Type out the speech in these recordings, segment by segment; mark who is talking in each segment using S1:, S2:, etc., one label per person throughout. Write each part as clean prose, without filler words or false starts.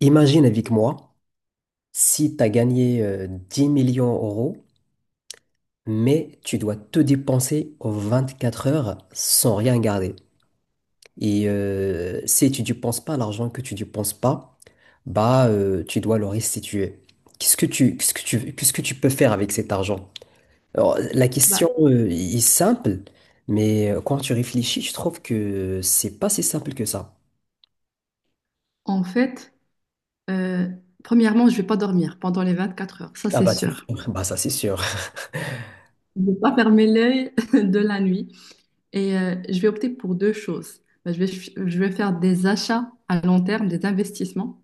S1: Imagine avec moi si tu as gagné 10 millions d'euros, mais tu dois te dépenser aux 24 heures sans rien garder. Et si tu ne dépenses pas l'argent que tu ne dépenses pas, tu dois le restituer. Qu'est-ce que tu peux faire avec cet argent? Alors, la
S2: Bah,
S1: question est simple, mais quand tu réfléchis, je trouve que c'est pas si simple que ça.
S2: en fait, euh, premièrement, je vais pas dormir pendant les 24 heures, ça
S1: Ah
S2: c'est
S1: bah c'est
S2: sûr.
S1: sûr. Bah ça c'est sûr.
S2: Je vais pas fermer l'œil de la nuit et je vais opter pour deux choses. Bah, je vais faire des achats à long terme, des investissements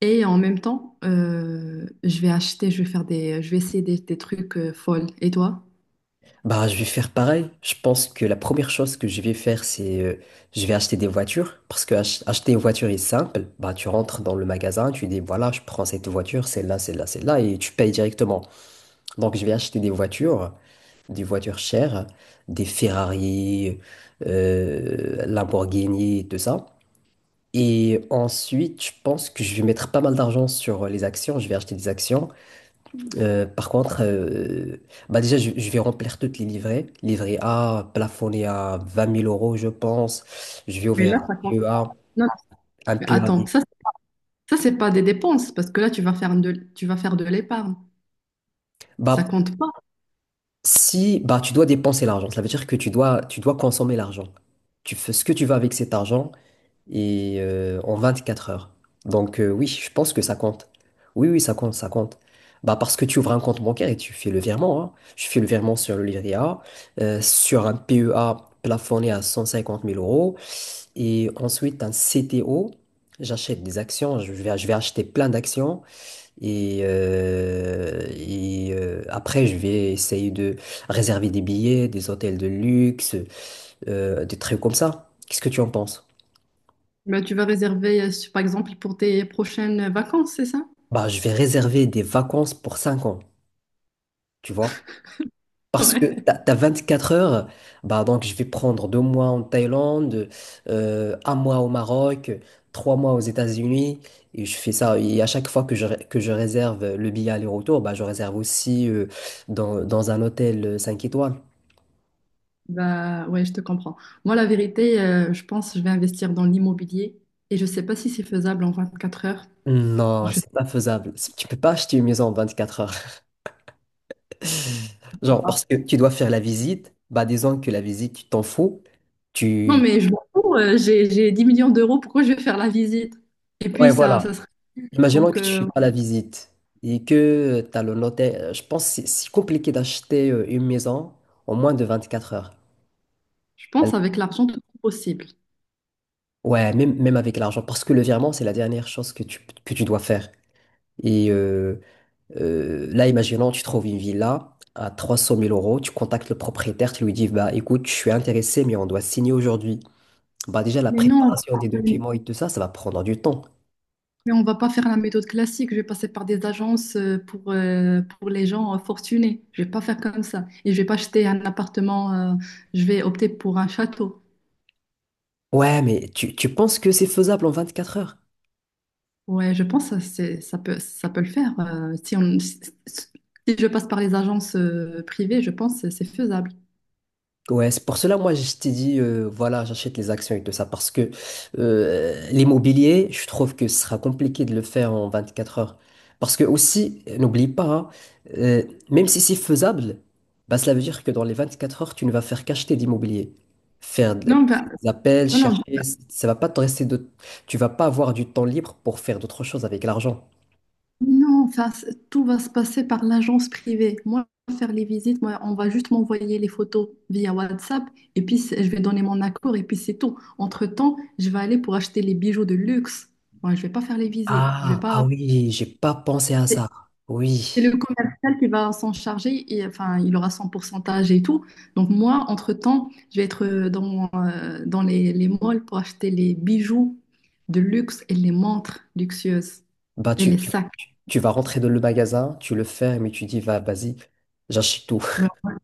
S2: et en même temps, je vais acheter, je vais faire des, je vais essayer des trucs folles. Et toi?
S1: Bah, je vais faire pareil. Je pense que la première chose que je vais faire, c'est je vais acheter des voitures parce que acheter une voiture est simple. Bah, tu rentres dans le magasin, tu dis voilà, je prends cette voiture, celle-là, celle-là, celle-là, et tu payes directement. Donc, je vais acheter des voitures chères, des Ferrari, Lamborghini, et tout ça. Et ensuite, je pense que je vais mettre pas mal d'argent sur les actions. Je vais acheter des actions, par contre, bah déjà, je vais remplir toutes les livrées. Livret A, plafonné à 20 000 euros, je pense. Je vais
S2: Mais
S1: ouvrir
S2: là,
S1: un
S2: ça compte.
S1: PEA,
S2: Non,
S1: un
S2: mais
S1: PEA.
S2: attends, ça c'est pas des dépenses parce que là tu vas faire de l'épargne. Ça
S1: Bah,
S2: compte pas.
S1: si, bah, tu dois dépenser l'argent, ça veut dire que tu dois consommer l'argent. Tu fais ce que tu veux avec cet argent, et en 4 heures. Donc oui, je pense que ça compte. Oui, oui, ça compte, ça compte. Bah parce que tu ouvres un compte bancaire et tu fais le virement, hein. Tu fais le virement sur le livret A, sur un PEA plafonné à 150 000 euros et ensuite un CTO. J'achète des actions, je vais acheter plein d'actions et, après je vais essayer de réserver des billets, des hôtels de luxe, des trucs comme ça. Qu'est-ce que tu en penses?
S2: Bah, tu vas réserver, par exemple, pour tes prochaines vacances, c'est ça?
S1: Bah, je vais réserver des vacances pour 5 ans, tu vois. Parce
S2: Ouais.
S1: que t'as 4 heures, bah donc je vais prendre 2 mois en Thaïlande, 1 mois au Maroc, 3 mois aux États-Unis, et je fais ça. Et à chaque fois que je réserve le billet aller-retour, bah je réserve aussi dans un hôtel 5 étoiles.
S2: Bah ouais, je te comprends. Moi, la vérité, je pense que je vais investir dans l'immobilier et je sais pas si c'est faisable en 24 heures.
S1: Non,
S2: Je sais
S1: c'est pas faisable. Tu peux pas acheter une maison en 24 heures. Genre,
S2: pas.
S1: parce que tu dois faire la visite, bah disons que la visite, tu t'en fous.
S2: Non,
S1: Tu...
S2: mais je m'en fous, j'ai 10 millions d'euros, pourquoi je vais faire la visite? Et puis
S1: Ouais,
S2: ça,
S1: voilà.
S2: ça serait
S1: Imaginons
S2: donc
S1: que tu fais pas la visite et que tu as le notaire. Je pense que c'est compliqué d'acheter une maison en moins de 24 heures.
S2: je
S1: Elle-
S2: pense avec l'argent tout est possible.
S1: Ouais, même, même avec l'argent, parce que le virement, c'est la dernière chose que tu dois faire. Et là, imaginons, tu trouves une villa à 300 000 euros, tu contactes le propriétaire, tu lui dis, bah écoute, je suis intéressé, mais on doit signer aujourd'hui. Bah déjà, la
S2: Mais non,
S1: préparation des
S2: mais
S1: documents et tout ça, ça va prendre du temps.
S2: on va pas faire la méthode classique, je vais passer par des agences pour les gens fortunés. Je vais pas faire comme ça. Et je vais pas acheter un appartement, je vais opter pour un château.
S1: Ouais, mais tu penses que c'est faisable en 24 heures?
S2: Ouais, je pense que c'est, ça peut le faire. Si on, si si si je passe par les agences privées, je pense que c'est faisable.
S1: Ouais, c'est pour cela, moi, je t'ai dit, voilà, j'achète les actions et tout ça, parce que l'immobilier, je trouve que ce sera compliqué de le faire en 24 heures. Parce que aussi, n'oublie pas, hein, euh, même si c'est faisable, bah, cela veut dire que dans les 24 heures, tu ne vas faire qu'acheter d'immobilier. Faire de-
S2: Non, bah,
S1: des appels,
S2: non, non,
S1: chercher,
S2: bah,
S1: ça va pas te rester de... Tu vas pas avoir du temps libre pour faire d'autres choses avec l'argent.
S2: non, enfin, tout va se passer par l'agence privée. Moi, je vais faire les visites, moi, on va juste m'envoyer les photos via WhatsApp et puis je vais donner mon accord et puis c'est tout. Entre-temps, je vais aller pour acheter les bijoux de luxe. Moi, je vais pas faire les visites. Je vais
S1: Ah, ah
S2: pas.
S1: oui, j'ai pas pensé à ça.
S2: C'est
S1: Oui.
S2: le commercial qui va s'en charger et enfin, il aura son pourcentage et tout. Donc moi, entre-temps, je vais être dans les malls pour acheter les bijoux de luxe et les montres luxueuses
S1: Bah,
S2: et
S1: tu,
S2: les sacs.
S1: Tu vas rentrer dans le magasin, tu le fermes et tu dis, vas-y, j'achète tout.
S2: Ben, ouais,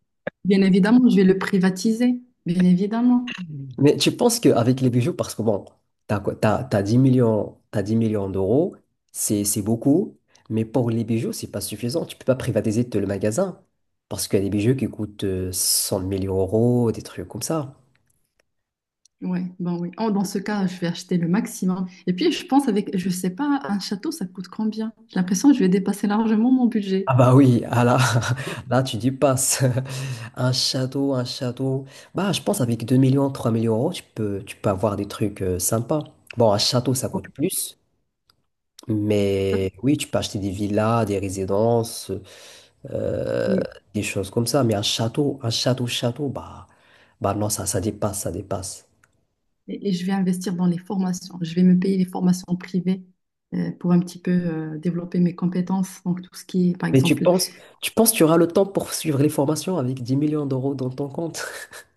S2: bien évidemment, je vais le privatiser, bien évidemment.
S1: Mais tu penses qu'avec les bijoux, parce que bon, t'as 10 millions, t'as 10 millions d'euros, c'est beaucoup, mais pour les bijoux, c'est pas suffisant. Tu peux pas privatiser tout le magasin, parce qu'il y a des bijoux qui coûtent 100 000 euros, des trucs comme ça.
S2: Ouais, ben oui. Oh, dans ce cas, je vais acheter le maximum. Et puis, je pense avec, je sais pas, un château, ça coûte combien? J'ai l'impression que je vais dépasser largement mon budget.
S1: Ah bah oui, ah là, là tu dis passe. Un château, un château. Bah je pense avec 2 millions, 3 millions d'euros, tu peux avoir des trucs sympas. Bon, un château, ça
S2: Ouais,
S1: coûte plus.
S2: Ça,
S1: Mais oui, tu peux acheter des villas, des résidences, euh,
S2: c'est-
S1: des choses comme ça. Mais un château, château, bah non, ça dépasse, ça dépasse.
S2: et, je vais investir dans les formations. Je vais me payer les formations privées pour un petit peu développer mes compétences. Donc, tout ce qui est, par
S1: Mais
S2: exemple,
S1: tu penses que tu auras le temps pour suivre les formations avec 10 millions d'euros dans ton compte?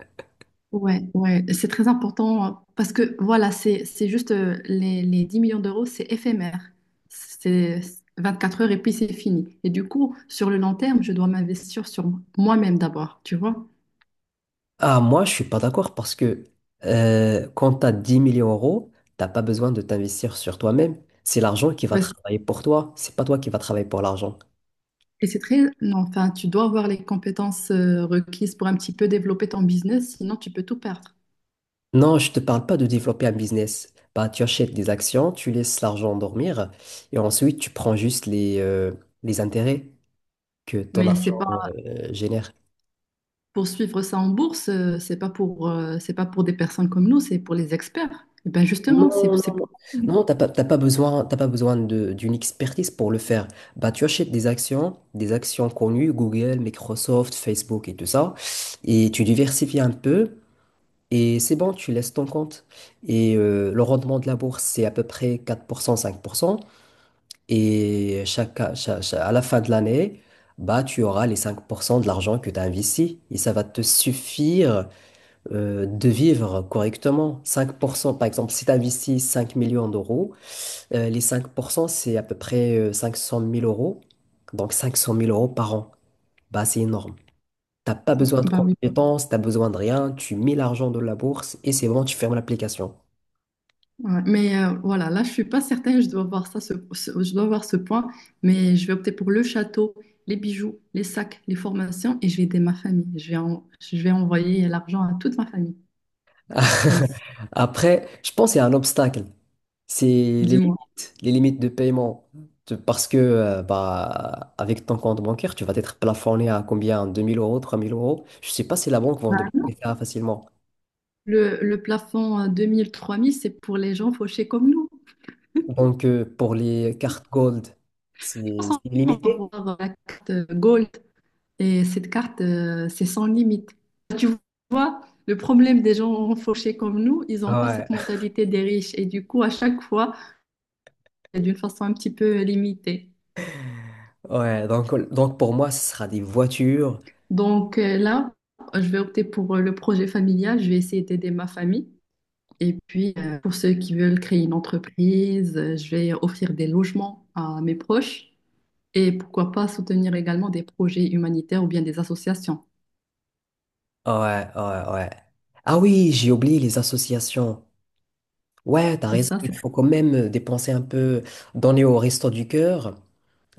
S2: ouais, ouais, c'est très important parce que voilà, c'est juste les 10 millions d'euros, c'est éphémère. C'est 24 heures et puis c'est fini. Et du coup, sur le long terme, je dois m'investir sur moi-même d'abord, tu vois.
S1: Ah, moi, je suis pas d'accord parce que quand tu as 10 millions d'euros, t'as pas besoin de t'investir sur toi-même. C'est l'argent qui va
S2: Parce-
S1: travailler pour toi. C'est pas toi qui va travailler pour l'argent.
S2: Et c'est très, non, enfin, tu dois avoir les compétences requises pour un petit peu développer ton business, sinon tu peux tout perdre.
S1: Non, je te parle pas de développer un business. Bah, tu achètes des actions, tu laisses l'argent dormir et ensuite tu prends juste les intérêts que ton
S2: Mais c'est
S1: argent
S2: pas
S1: génère.
S2: poursuivre ça en bourse, c'est pas pour des personnes comme nous, c'est pour les experts. Et ben justement,
S1: Non, non,
S2: c'est
S1: non, Non, t'as pas besoin d'une expertise pour le faire. Bah, tu achètes des actions connues, Google, Microsoft, Facebook et tout ça, et tu diversifies un peu, et c'est bon, tu laisses ton compte. Et le rendement de la bourse, c'est à peu près 4%, 5%. Et à la fin de l'année, bah, tu auras les 5% de l'argent que tu as investi. Et ça va te suffire de vivre correctement. 5%, par exemple, si tu investis 5 millions d'euros, les 5%, c'est à peu près 500 000 euros. Donc 500 000 euros par an. Bah, c'est énorme. T'as pas besoin de
S2: ben oui.
S1: compétences, t'as besoin de rien. Tu mets l'argent dans la bourse et c'est bon, tu fermes l'application.
S2: Ouais. Mais voilà, là, je suis pas certaine, je dois voir ça, je dois voir ce point, mais je vais opter pour le château, les bijoux, les sacs, les formations, et je vais aider ma famille. Je vais envoyer l'argent à toute ma famille, comme ça.
S1: Après, je pense qu'il y a un obstacle. C'est
S2: Dis-moi.
S1: les limites de paiement. Parce que bah, avec ton compte bancaire, tu vas être plafonné à combien? 2 000 euros, 3 000 euros. Je ne sais pas si la banque va en débloquer ça facilement.
S2: Le plafond à 2000-3000, c'est pour les gens fauchés comme nous.
S1: Donc, pour les cartes gold,
S2: Je pense
S1: c'est
S2: qu'on va
S1: limité.
S2: avoir la carte Gold. Et cette carte, c'est sans limite. Tu vois, le problème des gens fauchés comme nous, ils n'ont pas cette
S1: Ouais,
S2: mentalité des riches. Et du coup, à chaque fois, c'est d'une façon un petit peu limitée.
S1: ouais. Donc, pour moi, ce sera des voitures.
S2: Donc là, je vais opter pour le projet familial. Je vais essayer d'aider ma famille. Et puis, pour ceux qui veulent créer une entreprise, je vais offrir des logements à mes proches. Et pourquoi pas soutenir également des projets humanitaires ou bien des associations.
S1: Ouais, ouais, ouais. Ah oui, j'ai oublié les associations. Ouais, t'as
S2: C'est
S1: raison.
S2: ça, c'est
S1: Il faut quand même dépenser un peu, donner au Resto du Cœur,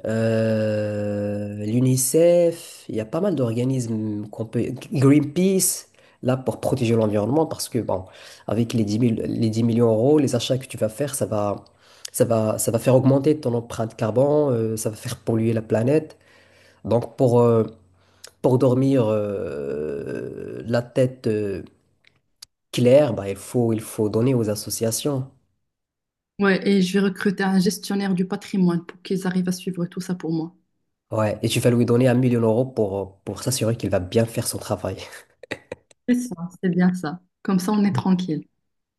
S1: l'UNICEF. Il y a pas mal d'organismes qu'on peut. Greenpeace, là, pour protéger l'environnement, parce que, bon, avec les 10 millions d'euros, les achats que tu vas faire, ça va faire augmenter ton empreinte carbone, ça va faire polluer la planète. Donc, pour dormir la tête claire, bah, il faut donner aux associations.
S2: ouais, et je vais recruter un gestionnaire du patrimoine pour qu'ils arrivent à suivre tout ça pour moi.
S1: Ouais, et tu vas lui donner 1 million d'euros pour s'assurer qu'il va bien faire son travail.
S2: C'est ça, c'est bien ça. Comme ça, on est tranquille.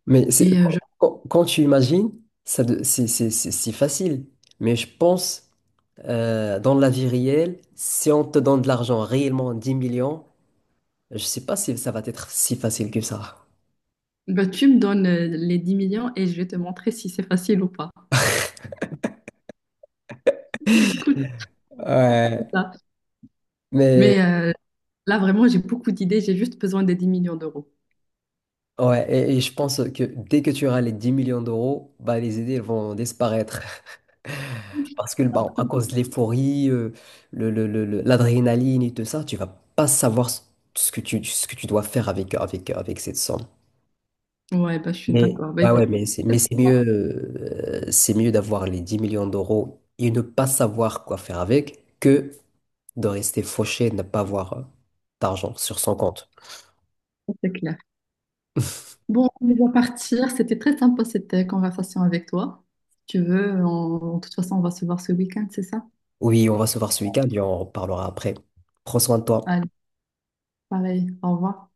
S1: Mais c'est,
S2: Et je...
S1: quand tu imagines, c'est si facile. Mais je pense, dans la vie réelle, si on te donne de l'argent réellement, 10 millions, je sais pas si ça va être si facile que ça.
S2: Bah, tu me donnes les 10 millions et je vais te montrer si c'est facile ou pas. Écoute, c'est
S1: Ouais,
S2: ça.
S1: mais
S2: Mais là, vraiment, j'ai beaucoup d'idées. J'ai juste besoin des 10 millions d'euros.
S1: ouais, et je pense que dès que tu auras les 10 millions d'euros, bah, les idées elles vont disparaître. Parce que bah, à cause de l'euphorie, l'adrénaline et tout ça, tu vas pas savoir ce que ce que tu dois faire avec, avec cette somme.
S2: Ouais, bah, je suis
S1: Mais,
S2: d'accord. Bah,
S1: ouais,
S2: écoute,
S1: ouais, mais mais c'est mieux d'avoir les 10 millions d'euros et ne pas savoir quoi faire avec que de rester fauché et de ne pas avoir d'argent sur son compte.
S2: c'est clair. Bon, on va partir. C'était très sympa cette conversation avec toi. Si tu veux, de toute façon, on va se voir ce week-end, c'est ça?
S1: Oui, on va se voir ce week-end et on en reparlera après. Prends soin de toi.
S2: Allez, pareil. Au revoir.